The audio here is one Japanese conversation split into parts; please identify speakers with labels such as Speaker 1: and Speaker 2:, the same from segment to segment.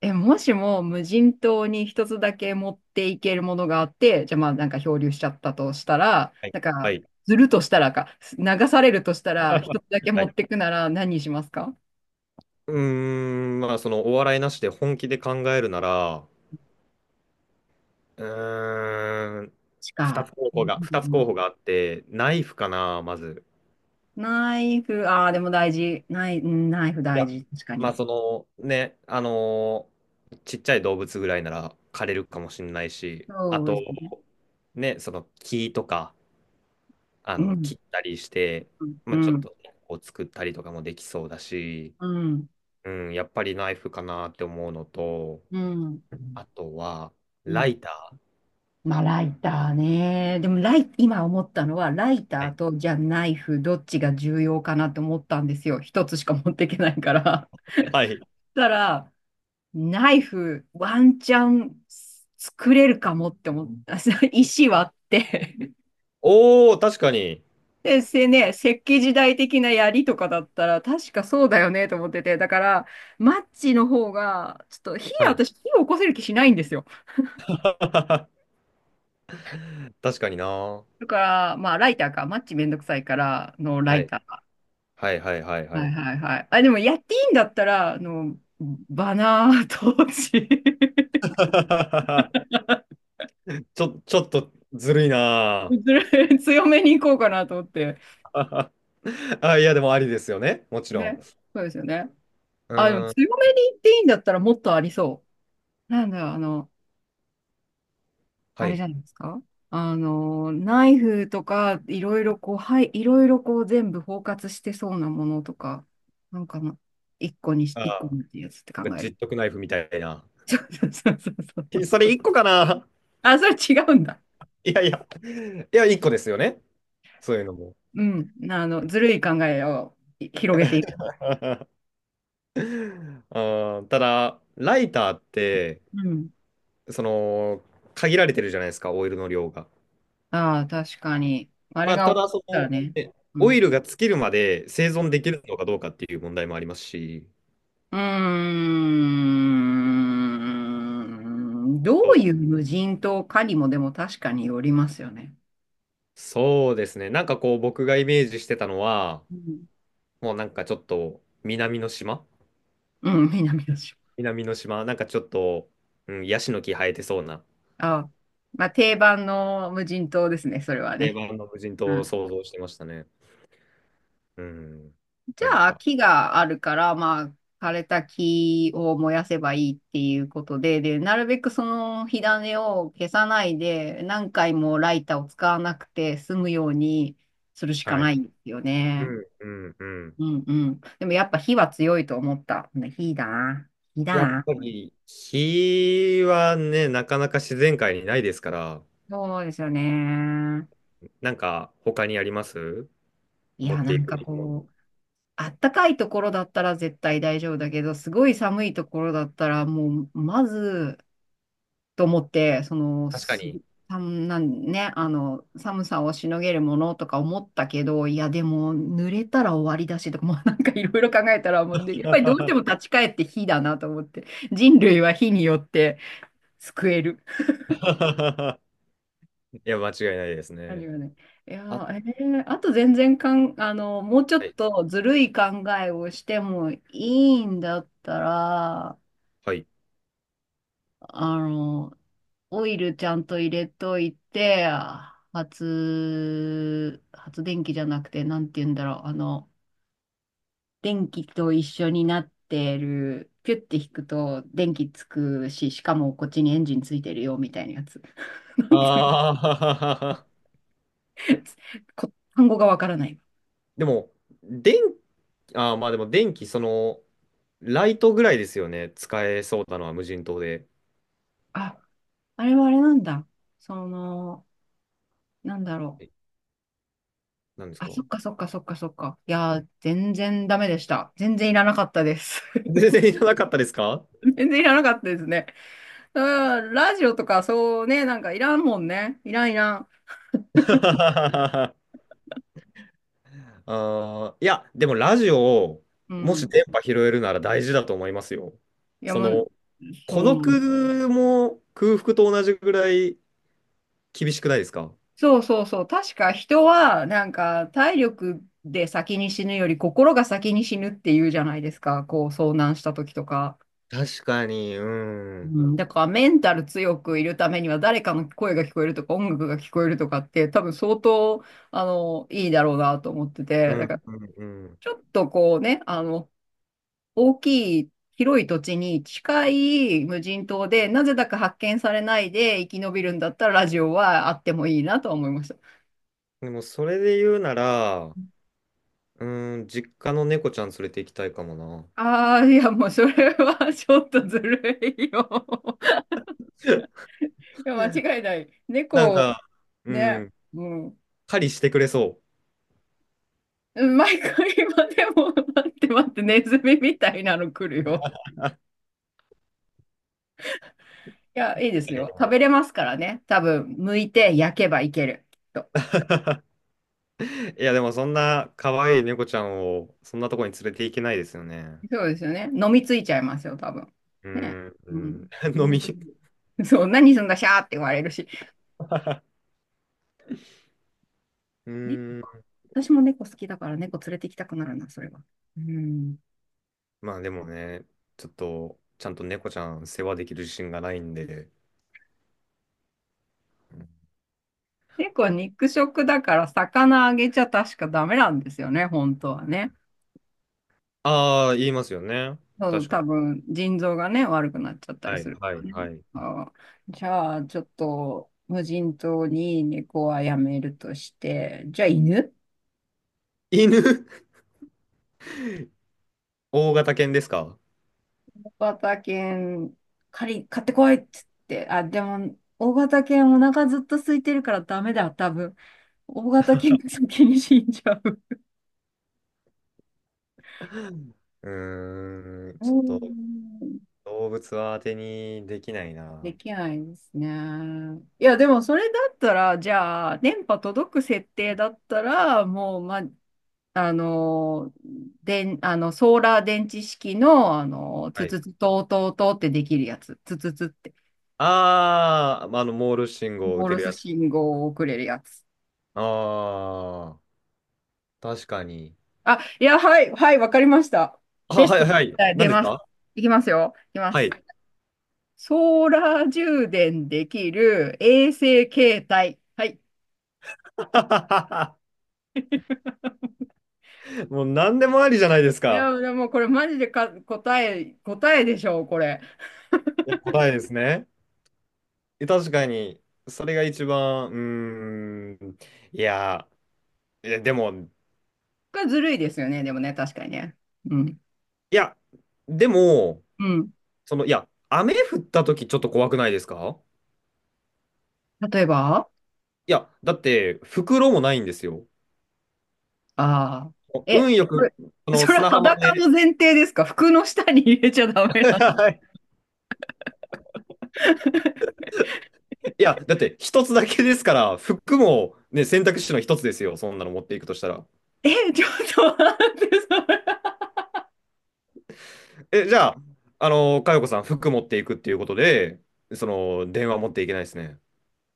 Speaker 1: もしも無人島に一つだけ持っていけるものがあって、じゃあ漂流しちゃったとしたら、
Speaker 2: はい。
Speaker 1: なん
Speaker 2: は
Speaker 1: か、
Speaker 2: い。
Speaker 1: ずるとしたらか、流されるとしたら、一つだけ
Speaker 2: は
Speaker 1: 持
Speaker 2: い。
Speaker 1: ってくなら何にしますか。
Speaker 2: ーまあ、お笑いなしで本気で考えるなら、うーん、
Speaker 1: しか。う
Speaker 2: 二つ候
Speaker 1: ん、
Speaker 2: 補があって、ナイフかな、まず。
Speaker 1: ナイフ、ああ、でも大事。うん、ナイフ
Speaker 2: い
Speaker 1: 大
Speaker 2: や、
Speaker 1: 事。確か
Speaker 2: まあ、
Speaker 1: に。
Speaker 2: ね、ちっちゃい動物ぐらいなら枯れるかもしれないし、あ
Speaker 1: そう
Speaker 2: と、
Speaker 1: ですね。
Speaker 2: ね、その木とか、
Speaker 1: うん。
Speaker 2: 切ったりして、
Speaker 1: うん。う
Speaker 2: まあ、ちょっ
Speaker 1: ん。
Speaker 2: とね、こう作ったりとかもできそうだし、
Speaker 1: うん。
Speaker 2: うん、やっぱりナイフかなって思うのと、
Speaker 1: うん。
Speaker 2: あとは、
Speaker 1: う
Speaker 2: ラ
Speaker 1: ん。
Speaker 2: イター。
Speaker 1: まあ、ライターね。でも今思ったのは、ライターと、じゃあナイフ、どっちが重要かなって思ったんですよ。一つしか持っていけないから。
Speaker 2: はい。
Speaker 1: そしたら、ナイフ、ワンチャン作れるかもって思った。石割って。
Speaker 2: おー、確かに。
Speaker 1: で、石器時代的な槍とかだったら、確かそうだよねと思ってて。だから、マッチの方が、ちょっと
Speaker 2: はい。
Speaker 1: 私、火を起こせる気しないんですよ。
Speaker 2: 確かにな。
Speaker 1: だから、まあ、ライターか、マッチめんどくさいからのラ
Speaker 2: は
Speaker 1: イ
Speaker 2: い。
Speaker 1: ター。
Speaker 2: はいはいはいは
Speaker 1: はい
Speaker 2: い。
Speaker 1: はいはい。あ、でもやっていいんだったら、バナー投資、
Speaker 2: ちょっとずるいな。
Speaker 1: 強めに行こうかなと思って。
Speaker 2: あ、いや、でもありですよね。もちろん。
Speaker 1: ね。そうですよね。
Speaker 2: う
Speaker 1: あ、でも
Speaker 2: ー
Speaker 1: 強
Speaker 2: ん。
Speaker 1: めに行っていいんだったらもっとありそう。なんだろう、あ
Speaker 2: は
Speaker 1: れじ
Speaker 2: い。
Speaker 1: ゃないですか。あの、ナイフとか、いろいろこう、はい、いろいろこう全部包括してそうなものとか、なんかな、
Speaker 2: あ
Speaker 1: 一個にっ
Speaker 2: ー、
Speaker 1: てやつって
Speaker 2: なん
Speaker 1: 考
Speaker 2: か
Speaker 1: え
Speaker 2: 十
Speaker 1: る。
Speaker 2: 徳ナイフみたいな。
Speaker 1: そうそうそう そ
Speaker 2: え、
Speaker 1: う。
Speaker 2: それ一個かな。
Speaker 1: あ、それ違うんだ。
Speaker 2: いやいや。いや、一個ですよね。そういうのも。
Speaker 1: うん。あの、ずるい考えをい広げていく。
Speaker 2: あー、ただ、ライターって、
Speaker 1: うん。
Speaker 2: その、限られてるじゃないですか、オイルの量が。
Speaker 1: ああ、確かに。あれ
Speaker 2: まあ、
Speaker 1: が
Speaker 2: た
Speaker 1: 起こ
Speaker 2: だ
Speaker 1: ったらね。
Speaker 2: ね、
Speaker 1: う
Speaker 2: オイ
Speaker 1: ん。
Speaker 2: ルが尽きるまで生
Speaker 1: う
Speaker 2: 存でき
Speaker 1: ん。
Speaker 2: るのかどうかっていう問題もありますし、
Speaker 1: うーん、ど
Speaker 2: そう
Speaker 1: う
Speaker 2: だ、
Speaker 1: いう無人島かにもでも確かによりますよね。
Speaker 2: そうですね、なんかこう、僕がイメージしてたのは、
Speaker 1: うん。
Speaker 2: もうなんかちょっと南の島、
Speaker 1: うん、南の島。
Speaker 2: 南の島、なんかちょっと、うん、ヤシの木生えてそうな
Speaker 1: ああ。まあ、定番の無人島ですね、それは
Speaker 2: 定
Speaker 1: ね。
Speaker 2: 番の無人
Speaker 1: う
Speaker 2: 島を
Speaker 1: ん。
Speaker 2: 想像してましたね。うん、
Speaker 1: じ
Speaker 2: なん
Speaker 1: ゃあ、
Speaker 2: か、
Speaker 1: 木があるから、まあ、枯れた木を燃やせばいいっていうことで、で、なるべくその火種を消さないで、何回もライターを使わなくて済むようにするしか
Speaker 2: は
Speaker 1: な
Speaker 2: い。
Speaker 1: いんですよ
Speaker 2: う
Speaker 1: ね。
Speaker 2: んうんうん。
Speaker 1: うんうん。でもやっぱ火は強いと思った。ね、火だな。火だ
Speaker 2: やっ
Speaker 1: な。
Speaker 2: ぱり火はね、なかなか自然界にないですから、
Speaker 1: そうですよね。
Speaker 2: なんか他にあります、
Speaker 1: い
Speaker 2: 持っ
Speaker 1: や、
Speaker 2: て
Speaker 1: な
Speaker 2: い
Speaker 1: ん
Speaker 2: く
Speaker 1: か
Speaker 2: べきもの？
Speaker 1: こう、あったかいところだったら絶対大丈夫だけど、すごい寒いところだったら、もう、まず、と思って、その、
Speaker 2: 確か
Speaker 1: す
Speaker 2: に。
Speaker 1: さんなんね、あの、寒さをしのげるものとか思ったけど、いや、でも、濡れたら終わりだしとか、もうなんかいろいろ考えたら、もう、でやっぱりどうしても立 ち返って火だなと思って、人類は火によって救える
Speaker 2: いや、間違いないです
Speaker 1: 感じ
Speaker 2: ね。
Speaker 1: がね。いや
Speaker 2: あ、
Speaker 1: ー、あと全然かん、あの、もうちょ
Speaker 2: は
Speaker 1: っ
Speaker 2: い。
Speaker 1: とずるい考えをしてもいいんだったら、
Speaker 2: はい。
Speaker 1: あの、オイルちゃんと入れといて、発電機じゃなくて、なんて言うんだろう、あの、電気と一緒になってる、ピュッて引くと電気つくし、しかもこっちにエンジンついてるよ、みたいなやつ。なんていう、
Speaker 2: ああ
Speaker 1: こ単語がわからない。
Speaker 2: でも、電、ああ、まあでも電気、ライトぐらいですよね。使えそうなのは無人島で。
Speaker 1: あ、あれはあれなんだ。その、なんだろう。
Speaker 2: え、何です
Speaker 1: あ、
Speaker 2: か？
Speaker 1: そっかそっかそっかそっか。いやー、全然ダメでした。全然いらなかったです。
Speaker 2: 全然いらなかったですか？
Speaker 1: 全然いらなかったですね。うん、ラジオとかそうね、なんかいらんもんね。いらんいらん。
Speaker 2: あー、いや、でもラジオを、
Speaker 1: う
Speaker 2: もし
Speaker 1: ん。
Speaker 2: 電波拾えるなら大事だと思いますよ。
Speaker 1: いや、
Speaker 2: そ
Speaker 1: もう、
Speaker 2: の、
Speaker 1: そう
Speaker 2: 孤
Speaker 1: なんだ、
Speaker 2: 独も空腹と同じぐらい厳しくないですか？
Speaker 1: そうそうそう。確か人は、なんか体力で先に死ぬより心が先に死ぬっていうじゃないですか。こう遭難した時とか。
Speaker 2: 確かに、う
Speaker 1: う
Speaker 2: ん。
Speaker 1: ん、だからメンタル強くいるためには誰かの声が聞こえるとか音楽が聞こえるとかって多分相当あのいいだろうなと思って
Speaker 2: う
Speaker 1: て、だ
Speaker 2: ん、
Speaker 1: から、
Speaker 2: うん、うん。
Speaker 1: ちょっとこうね、あの、大きい広い土地に近い無人島で、なぜだか発見されないで生き延びるんだったらラジオはあってもいいなとは思いました。
Speaker 2: でも、それで言うなら、うん、実家の猫ちゃん連れて行きたいかもな。
Speaker 1: ああ、いやもうそれは ちょっとずるいよ。いや、間違いない。
Speaker 2: なん
Speaker 1: 猫、
Speaker 2: か、う
Speaker 1: ね、
Speaker 2: ん、
Speaker 1: うん。
Speaker 2: 狩りしてくれそ
Speaker 1: 毎回今でも、待って待って、ネズミみたいなの来るよ。いや、いいですよ。食べれますからね。多分、剥いて焼けばいける。きっと
Speaker 2: う。いや、でも、そんな可愛い猫ちゃんを、そんなとこに連れて行けないですよね。
Speaker 1: そうですよね。飲みついちゃいますよ、多分。
Speaker 2: う
Speaker 1: ね。
Speaker 2: ん、う
Speaker 1: うん。
Speaker 2: ん。飲
Speaker 1: う
Speaker 2: み。
Speaker 1: ん、そう、何すんだ、シャーって言われるし。
Speaker 2: う
Speaker 1: 猫
Speaker 2: ん。
Speaker 1: か。私も猫好きだから猫連れて行きたくなるな、それは。うん。
Speaker 2: まあ、でもね、ちょっと、ちゃんと猫ちゃん世話できる自信がないんで。
Speaker 1: 猫は肉食だから魚あげちゃ確かダメなんですよね、本当はね。
Speaker 2: ああー、言いますよね。
Speaker 1: そう、多分腎臓がね、悪くなっちゃったり
Speaker 2: は
Speaker 1: す
Speaker 2: い、
Speaker 1: る
Speaker 2: は
Speaker 1: から
Speaker 2: い、
Speaker 1: ね。
Speaker 2: はい。
Speaker 1: ああ、じゃあ、ちょっと無人島に猫はやめるとして、じゃあ犬、
Speaker 2: 犬大型犬ですか？
Speaker 1: 型犬、借り、買ってこいっつって。あ、でも、大型犬お腹ずっと空いてるからダメだ、多分。大型犬が先に死んじゃう。
Speaker 2: ちょっ
Speaker 1: う
Speaker 2: と
Speaker 1: ん、
Speaker 2: 動物は当てにできない
Speaker 1: で
Speaker 2: な。
Speaker 1: きないですね。いや、でもそれだったら、じゃあ、電波届く設定だったら、もう、ま、あの、ソーラー電池式の、あの、
Speaker 2: は
Speaker 1: つ
Speaker 2: い。
Speaker 1: つつ、とうとうとうってできるやつ。つつつって。
Speaker 2: あー、まあの、モールス信号を打
Speaker 1: モー
Speaker 2: て
Speaker 1: ル
Speaker 2: る
Speaker 1: ス
Speaker 2: やつ。
Speaker 1: 信号を送れるやつ。
Speaker 2: あー、確かに。
Speaker 1: あ、いや、はい、はい、わかりました。
Speaker 2: あ、
Speaker 1: ベス
Speaker 2: は
Speaker 1: ト
Speaker 2: い
Speaker 1: です、
Speaker 2: はい。
Speaker 1: はい、出
Speaker 2: 何です
Speaker 1: ます。
Speaker 2: か？
Speaker 1: いきますよ。いきま
Speaker 2: は
Speaker 1: す。
Speaker 2: い。
Speaker 1: ソーラー充電できる衛星携帯。はい。
Speaker 2: もう何でもありじゃないです
Speaker 1: い
Speaker 2: か。
Speaker 1: や、でもこれマジでか答え、答えでしょう、これ。
Speaker 2: いや、答えですね。え、確かに、それが一番、うーん、いや、いや、でも、
Speaker 1: これずるいですよね、でもね、確かにね。うん。
Speaker 2: いや、でも、
Speaker 1: うん。
Speaker 2: いや、雨降った時ちょっと怖くないですか？
Speaker 1: 例えば、
Speaker 2: いや、だって、袋もないんですよ。
Speaker 1: ああ、え、
Speaker 2: 運よ
Speaker 1: こ
Speaker 2: く、
Speaker 1: れ、それ
Speaker 2: 砂浜
Speaker 1: 裸
Speaker 2: で、
Speaker 1: の前提ですか、服の下に入れちゃダメなんだ。
Speaker 2: はい。 いや、だって、一つだけですから、服も、ね、選択肢の一つですよ。そんなの持っていくとしたら。
Speaker 1: え、ちょっと待って、それ。
Speaker 2: え、じゃあ、あの、かよこさん、服持っていくっていうことで、電話持っていけないですね。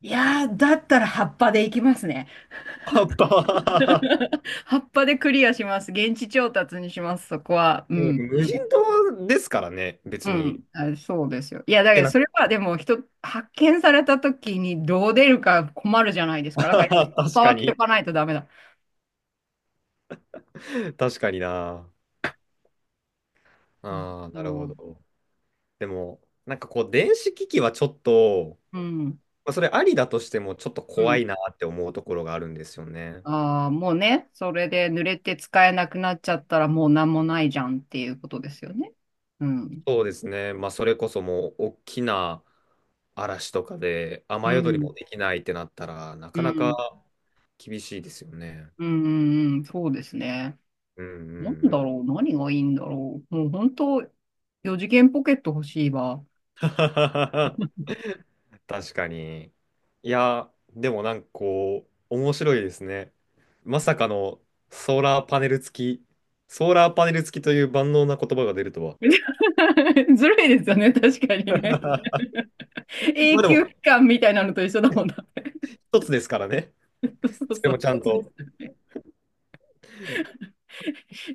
Speaker 1: いやー、だったら葉っぱでいきますね。
Speaker 2: あっぱ
Speaker 1: 葉っぱでクリアします。現地調達にします、そこは。うん、
Speaker 2: うん、無
Speaker 1: うん、
Speaker 2: 人島ですからね、
Speaker 1: う
Speaker 2: 別に。
Speaker 1: ん。あ、そうですよ。いや、
Speaker 2: い
Speaker 1: だけ
Speaker 2: け
Speaker 1: ど、
Speaker 2: な
Speaker 1: それはでも、人、発見された時にどう出るか困るじゃないですか。だから、葉っ
Speaker 2: 確
Speaker 1: ぱ
Speaker 2: か
Speaker 1: は着と
Speaker 2: に。
Speaker 1: かないとダメだ。
Speaker 2: 確かにな。ああ、
Speaker 1: な
Speaker 2: な
Speaker 1: る
Speaker 2: る
Speaker 1: ほ
Speaker 2: ほ
Speaker 1: ど。
Speaker 2: ど。でも、なんかこう、電子機器はちょっと、
Speaker 1: うん、
Speaker 2: まあ、それありだとしても、ちょっと
Speaker 1: う
Speaker 2: 怖
Speaker 1: ん。
Speaker 2: いなって思うところがあるんですよね。
Speaker 1: ああ、もうね、それで濡れて使えなくなっちゃったら、もう何もないじゃんっていうことですよね。うん、
Speaker 2: そうですね。まあ、それこそもう、大きな嵐とかで、
Speaker 1: う
Speaker 2: 雨宿り
Speaker 1: ん、
Speaker 2: もできないってなったら、な
Speaker 1: う
Speaker 2: かな
Speaker 1: ん、う
Speaker 2: か
Speaker 1: ん、
Speaker 2: 厳しいですよね。
Speaker 1: うん、うん、そうですね。
Speaker 2: うんう
Speaker 1: なん
Speaker 2: んう
Speaker 1: だ
Speaker 2: ん。
Speaker 1: ろう、何がいいんだろう。もう本当、4次元ポケット欲しいわ。
Speaker 2: 確かに。いや、でもなんかこう、面白いですね。まさかのソーラーパネル付き、ソーラーパネル付きという万能な言葉が出るとは。
Speaker 1: ずるいですよね、確かにね。
Speaker 2: ま
Speaker 1: 永
Speaker 2: あで
Speaker 1: 久期
Speaker 2: も、
Speaker 1: 間みたいなのと一緒だもんな。
Speaker 2: 一つですからね。
Speaker 1: そう
Speaker 2: それ
Speaker 1: そ
Speaker 2: も
Speaker 1: う、
Speaker 2: ちゃ
Speaker 1: 一
Speaker 2: ん
Speaker 1: つで
Speaker 2: と。
Speaker 1: す。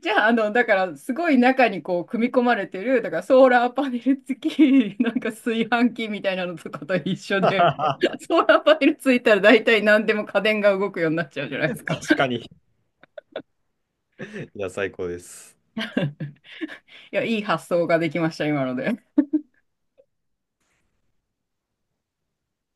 Speaker 1: じゃあ、あの、だから、すごい中にこう、組み込まれてる、だから、ソーラーパネル付き、なんか炊飯器みたいなのとかと一緒で、ソーラーパネルついたら大体何でも家電が動くようになっちゃうじゃないですか。
Speaker 2: 確かに。いや、最高です。
Speaker 1: いや、いい発想ができました、今ので。